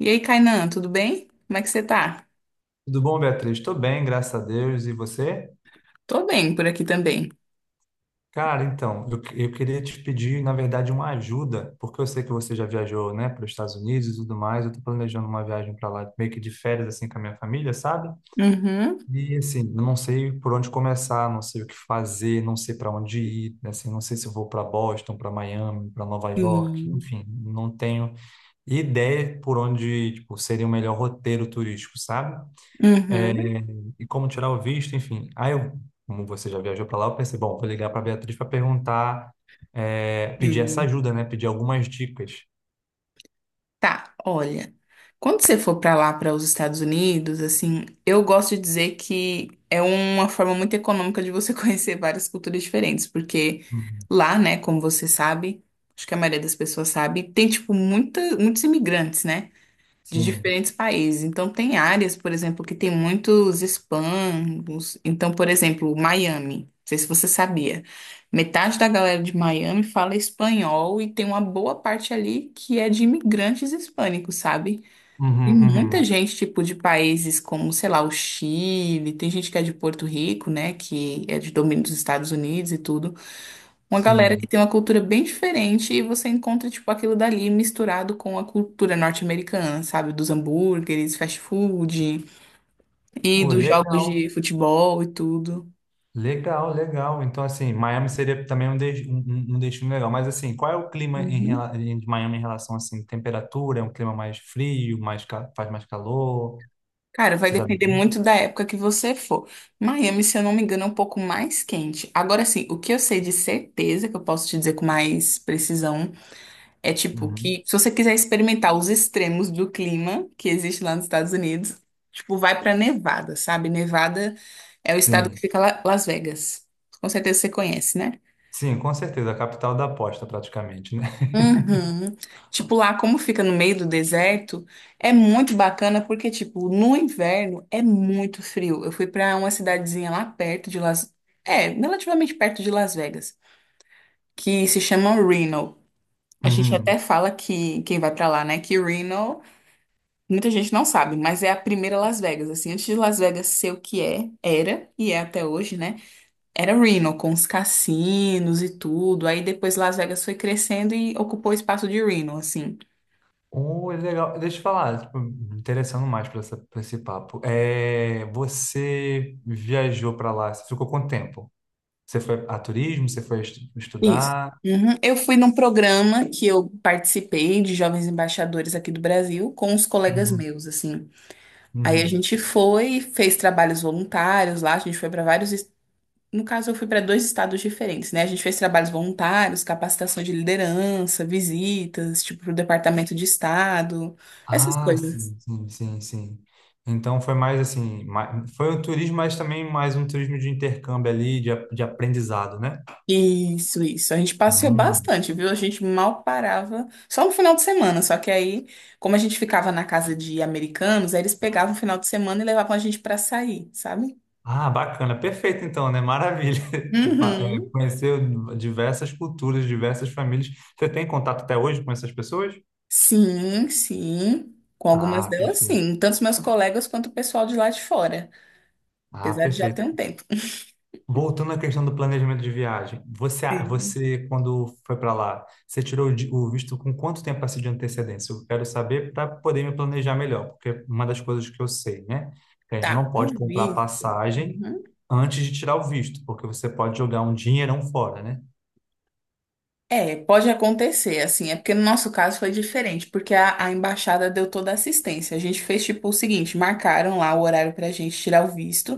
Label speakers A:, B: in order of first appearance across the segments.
A: E aí, Kainan, tudo bem? Como é que você tá?
B: Tudo bom, Beatriz? Estou bem, graças a Deus. E você?
A: Tô bem por aqui também.
B: Cara, então, eu queria te pedir, na verdade, uma ajuda, porque eu sei que você já viajou, né, para os Estados Unidos e tudo mais. Eu estou planejando uma viagem para lá, meio que de férias, assim, com a minha família, sabe?
A: Uhum.
B: E, assim, eu não sei por onde começar, não sei o que fazer, não sei para onde ir, né, assim, não sei se eu vou para Boston, para Miami, para Nova York,
A: Sim.
B: enfim, não tenho ideia por onde, tipo, seria o melhor roteiro turístico, sabe? É,
A: Uhum.
B: e como tirar o visto, enfim. Aí, eu, como você já viajou para lá, eu pensei, bom, vou ligar para Beatriz para perguntar, pedir essa
A: Sim.
B: ajuda, né? Pedir algumas dicas.
A: Tá, olha. Quando você for pra lá, para os Estados Unidos, assim, eu gosto de dizer que é uma forma muito econômica de você conhecer várias culturas diferentes, porque
B: Uhum.
A: lá, né, como você sabe, acho que a maioria das pessoas sabe, tem tipo muita, muitos imigrantes, né? De
B: Sim.
A: diferentes países. Então, tem áreas, por exemplo, que tem muitos hispanos. Então, por exemplo, Miami. Não sei se você sabia. Metade da galera de Miami fala espanhol e tem uma boa parte ali que é de imigrantes hispânicos, sabe? Tem
B: Uhum,
A: muita
B: uhum.
A: gente, tipo, de países como, sei lá, o Chile, tem gente que é de Porto Rico, né, que é de domínio dos Estados Unidos e tudo uma galera que
B: Sim.
A: tem uma cultura bem diferente e você encontra, tipo, aquilo dali misturado com a cultura norte-americana, sabe? Dos hambúrgueres, fast food e
B: Oh,
A: dos jogos
B: legal,
A: de futebol e tudo.
B: legal, legal. Então, assim, Miami seria também um, um, um destino legal. Mas, assim, qual é o clima em,
A: Uhum.
B: de Miami em relação, assim, temperatura? É um clima mais frio, mais, faz mais calor?
A: Cara, vai
B: Você sabe?
A: depender muito da época que você for. Miami, se eu não me engano, é um pouco mais quente. Agora sim, o que eu sei de certeza, que eu posso te dizer com mais precisão, é tipo
B: Uhum.
A: que, se você quiser experimentar os extremos do clima que existe lá nos Estados Unidos, tipo, vai pra Nevada, sabe? Nevada é o estado que
B: Sim.
A: fica lá, Las Vegas. Com certeza você conhece, né?
B: Sim, com certeza. A capital da aposta, praticamente, né?
A: Uhum. Tipo, lá como fica no meio do deserto, é muito bacana porque, tipo, no inverno é muito frio. Eu fui pra uma cidadezinha lá perto de Las... É, relativamente perto de Las Vegas, que se chama Reno. A gente
B: Uhum.
A: até fala que quem vai pra lá, né, que Reno muita gente não sabe, mas é a primeira Las Vegas, assim, antes de Las Vegas ser o que é, era, e é até hoje, né? Era Reno, com os cassinos e tudo. Aí depois Las Vegas foi crescendo e ocupou o espaço de Reno, assim.
B: Oh, é legal. Deixa eu falar, tipo, me interessando mais para essa, pra esse papo. É, você viajou para lá, você ficou quanto tempo? Você foi a turismo, você foi
A: Isso.
B: estudar?
A: Uhum. Eu fui num programa que eu participei de jovens embaixadores aqui do Brasil com os colegas
B: Uhum,
A: meus, assim. Aí a
B: uhum.
A: gente foi, fez trabalhos voluntários lá, a gente foi para vários... No caso, eu fui para dois estados diferentes, né? A gente fez trabalhos voluntários, capacitação de liderança, visitas, tipo, pro departamento de estado, essas
B: Ah,
A: coisas.
B: sim, sim, sim, sim. Então foi mais assim, mais, foi um turismo, mas também mais um turismo de intercâmbio ali, de, de aprendizado, né?
A: Isso, isso. A gente passeou
B: Hum.
A: bastante, viu? A gente mal parava, só no final de semana. Só que aí, como a gente ficava na casa de americanos, aí eles pegavam o final de semana e levavam a gente para sair, sabe?
B: Ah, bacana, perfeito então, né? Maravilha.
A: Uhum.
B: Conheceu diversas culturas, diversas famílias. Você tem contato até hoje com essas pessoas?
A: Sim, sim. Com algumas
B: Ah,
A: delas,
B: perfeito.
A: sim. Tanto os meus colegas quanto o pessoal de lá de fora.
B: Ah,
A: Apesar de já ter
B: perfeito.
A: um tempo.
B: Voltando à questão do planejamento de viagem, você, você quando foi para lá, você tirou o visto com quanto tempo assim de antecedência? Eu quero saber para poder me planejar melhor, porque uma das coisas que eu sei, né, que a gente
A: Tá,
B: não
A: o
B: pode comprar
A: visto.
B: passagem
A: Uhum.
B: antes de tirar o visto, porque você pode jogar um dinheirão fora, né?
A: É, pode acontecer, assim, é porque no nosso caso foi diferente, porque a embaixada deu toda a assistência. A gente fez tipo o seguinte, marcaram lá o horário pra gente tirar o visto.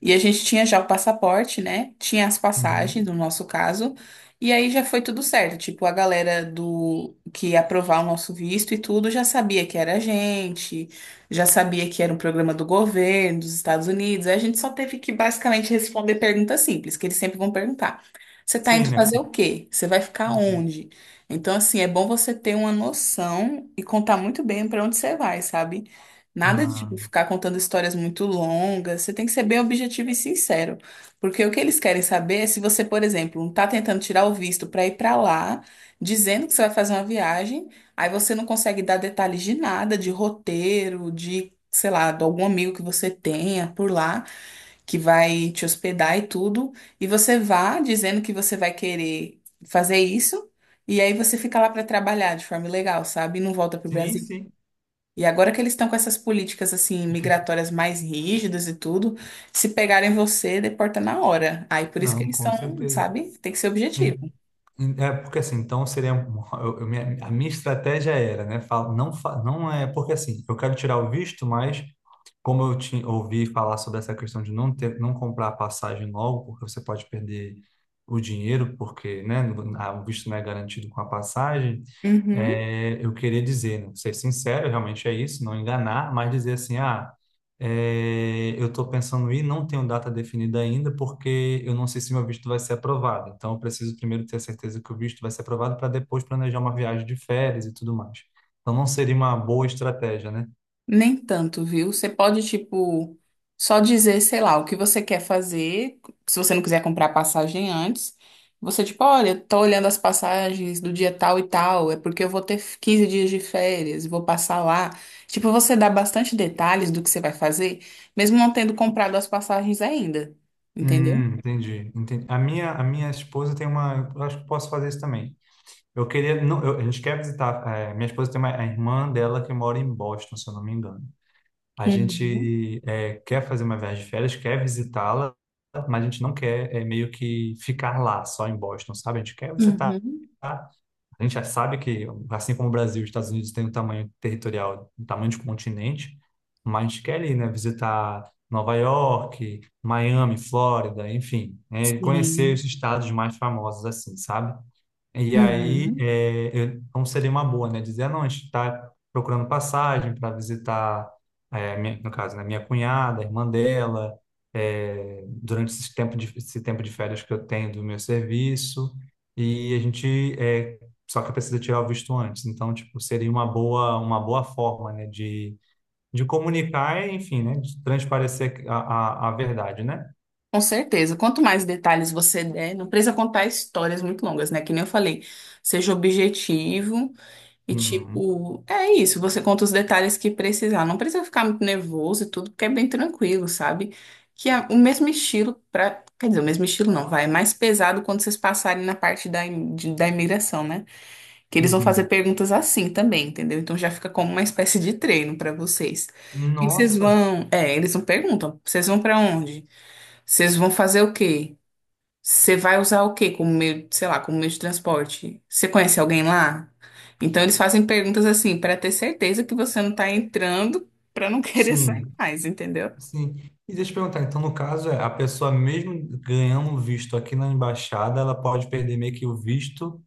A: E a gente tinha já o passaporte, né? Tinha as passagens,
B: Uhum.
A: no nosso caso. E aí já foi tudo certo. Tipo, a galera do que ia aprovar o nosso visto e tudo já sabia que era a gente, já sabia que era um programa do governo dos Estados Unidos. Aí a gente só teve que basicamente responder perguntas simples, que eles sempre vão perguntar. Você tá
B: Sim,
A: indo
B: né?
A: fazer o quê? Você vai ficar
B: Uhum.
A: onde? Então, assim, é bom você ter uma noção e contar muito bem para onde você vai, sabe? Nada de
B: Ah,
A: tipo, ficar contando histórias muito longas. Você tem que ser bem objetivo e sincero. Porque o que eles querem saber é se você, por exemplo, está tentando tirar o visto para ir para lá, dizendo que você vai fazer uma viagem, aí você não consegue dar detalhes de nada, de roteiro, de, sei lá, de algum amigo que você tenha por lá, que vai te hospedar e tudo. E você vá dizendo que você vai querer fazer isso. E aí você fica lá para trabalhar de forma ilegal, sabe? E não volta para o
B: Sim,
A: Brasil.
B: sim.
A: E agora que eles estão com essas políticas assim
B: acho que isso-
A: migratórias mais rígidas e tudo, se pegarem você, deporta na hora. Aí por isso que
B: não,
A: eles
B: com
A: estão,
B: certeza.
A: sabe? Tem que ser
B: Em-
A: objetivo.
B: É porque assim, então seria a minha estratégia era, né? Fala, não, não é porque assim, eu quero tirar o visto, mas como eu te, ouvi falar sobre essa questão de não ter, não comprar a passagem logo, porque você pode perder o dinheiro, porque, né? O visto não é garantido com a passagem.
A: Uhum.
B: Eu queria dizer, né, ser sincero, realmente é isso, não enganar, mas dizer assim, ah. Eu estou pensando em ir, não tenho data definida ainda, porque eu não sei se meu visto vai ser aprovado. Então, eu preciso primeiro ter certeza que o visto vai ser aprovado para depois planejar uma viagem de férias e tudo mais. Então, não seria uma boa estratégia, né?
A: Nem tanto, viu? Você pode, tipo, só dizer, sei lá, o que você quer fazer. Se você não quiser comprar passagem antes, você, tipo, olha, tô olhando as passagens do dia tal e tal, é porque eu vou ter 15 dias de férias, vou passar lá. Tipo, você dá bastante detalhes do que você vai fazer, mesmo não tendo comprado as passagens ainda. Entendeu?
B: Entendi, entendi. A minha esposa tem uma. Eu acho que posso fazer isso também. Eu queria. Não, a gente quer visitar. Minha esposa tem uma, a irmã dela que mora em Boston, se eu não me engano. A
A: Uhum.
B: gente quer fazer uma viagem de férias, quer visitá-la, mas a gente não quer meio que ficar lá, só em Boston, sabe? A gente quer visitar.
A: Uhum.
B: A gente já sabe que, assim como o Brasil, os Estados Unidos têm um tamanho territorial, um tamanho de continente, mas a gente quer ir, né? Visitar Nova York, Miami, Flórida, enfim, né? Conhecer
A: Sim.
B: os estados mais famosos, assim, sabe? E aí,
A: Uhum.
B: então seria uma boa, né? Dizer, ah, não, a gente está procurando passagem para visitar, no caso, né, minha cunhada, a irmã dela, durante esse tempo de férias que eu tenho do meu serviço, e a gente, só que precisa tirar o visto antes. Então, tipo, seria uma boa forma, né, de comunicar, enfim, né, de transparecer a verdade, né?
A: Com certeza. Quanto mais detalhes você der, não precisa contar histórias muito longas, né? Que nem eu falei, seja objetivo e
B: Uhum,
A: tipo, é isso, você conta os detalhes que precisar. Não precisa ficar muito nervoso e tudo, porque é bem tranquilo, sabe? Que é o mesmo estilo para, quer dizer, o mesmo estilo não, vai, é mais pesado quando vocês passarem na parte da, im- de- da imigração, né? Que eles vão fazer
B: uhum.
A: perguntas assim também, entendeu? Então já fica como uma espécie de treino para vocês. O que que vocês
B: Nossa,
A: vão, é, eles não perguntam, vocês vão para onde? Vocês vão fazer o quê? Você vai usar o quê como meio, sei lá, como meio de transporte? Você conhece alguém lá? Então eles fazem perguntas assim para ter certeza que você não tá entrando para não querer
B: sim.
A: sair mais, entendeu?
B: Sim. E deixa eu perguntar, então, no caso, é, a pessoa mesmo ganhando o visto aqui na embaixada, ela pode perder meio que o visto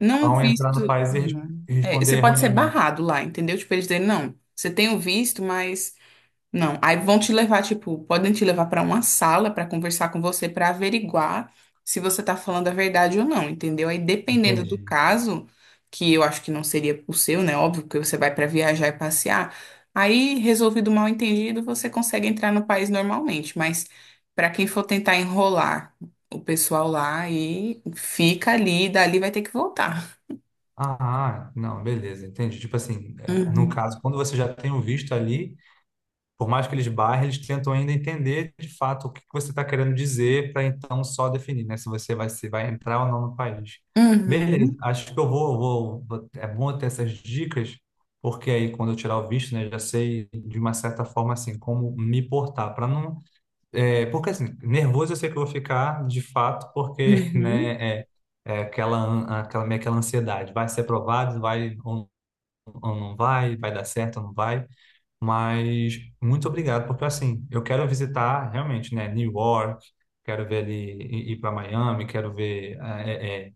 A: Não
B: ao entrar
A: visto.
B: no país e
A: Não.
B: e
A: É,
B: responder
A: você pode ser
B: erroneamente.
A: barrado lá, entendeu? Tipo, eles dizem, não, você tem o visto, mas... Não, aí vão te levar, tipo, podem te levar para uma sala para conversar com você, para averiguar se você tá falando a verdade ou não, entendeu? Aí dependendo do
B: Entendi.
A: caso, que eu acho que não seria o seu, né? Óbvio que você vai para viajar e passear. Aí, resolvido o mal-entendido, você consegue entrar no país normalmente, mas para quem for tentar enrolar o pessoal lá aí fica ali, e dali vai ter que voltar.
B: Ah, ah, não, beleza, entendi. Tipo assim, é, no
A: Uhum.
B: caso, quando você já tem o visto ali, por mais que eles barrem, eles tentam ainda entender de fato o que que você está querendo dizer para então só definir, né? Se você vai, se vai entrar ou não no país. Beleza,
A: Uhum.
B: acho que eu é bom eu ter essas dicas, porque aí quando eu tirar o visto, né, já sei de uma certa forma assim como me portar para não, porque assim, nervoso eu sei que eu vou ficar de fato, porque,
A: Uhum.
B: né, é aquela meio aquela ansiedade, vai ser aprovado, vai ou não vai, vai dar certo ou não vai. Mas muito obrigado, porque assim, eu quero visitar realmente, né, New York, quero ver ali, ir para Miami, quero ver,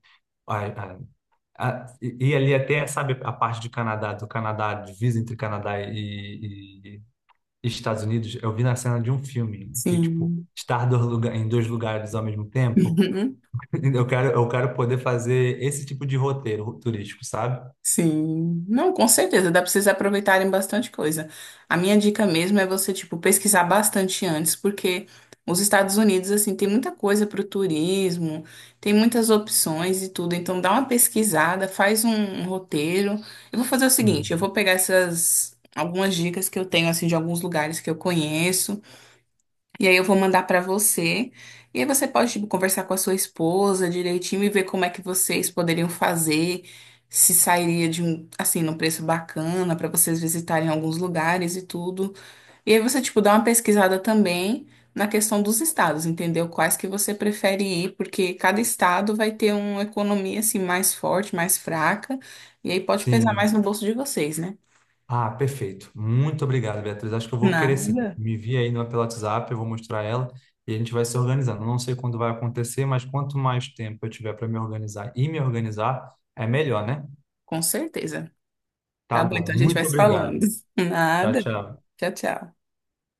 B: a- a- e ali até, sabe, a parte de do Canadá, divisa entre Canadá e Estados Unidos, eu vi na cena de um filme, que, tipo,
A: Sim.
B: estar dois lugar, em dois lugares ao mesmo tempo, eu quero poder fazer esse tipo de roteiro turístico, sabe?
A: Sim, não, com certeza, dá pra vocês aproveitarem bastante coisa. A minha dica mesmo é você, tipo, pesquisar bastante antes, porque os Estados Unidos, assim, tem muita coisa pro turismo, tem muitas opções e tudo. Então, dá uma pesquisada, faz um, um roteiro. Eu vou fazer o seguinte, eu
B: Uhum.
A: vou pegar essas algumas dicas que eu tenho, assim, de alguns lugares que eu conheço. E aí eu vou mandar pra você. E aí você pode, tipo, conversar com a sua esposa direitinho e ver como é que vocês poderiam fazer, se sairia de um, assim, num preço bacana pra vocês visitarem alguns lugares e tudo. E aí você, tipo, dá uma pesquisada também na questão dos estados, entendeu? Quais que você prefere ir, porque cada estado vai ter uma economia, assim, mais forte, mais fraca. E aí pode pesar
B: Sim.
A: mais no bolso de vocês, né?
B: Ah, perfeito. Muito obrigado, Beatriz. Acho que eu vou querer sim.
A: Nada,
B: Me envia aí no pelo WhatsApp, eu vou mostrar ela e a gente vai se organizando. Não sei quando vai acontecer, mas quanto mais tempo eu tiver para me organizar e me organizar, é melhor, né?
A: com certeza.
B: Tá
A: Tá bom,
B: bom.
A: então a gente vai
B: Muito
A: se falando.
B: obrigado. Tchau,
A: Nada.
B: tchau.
A: Tchau, tchau.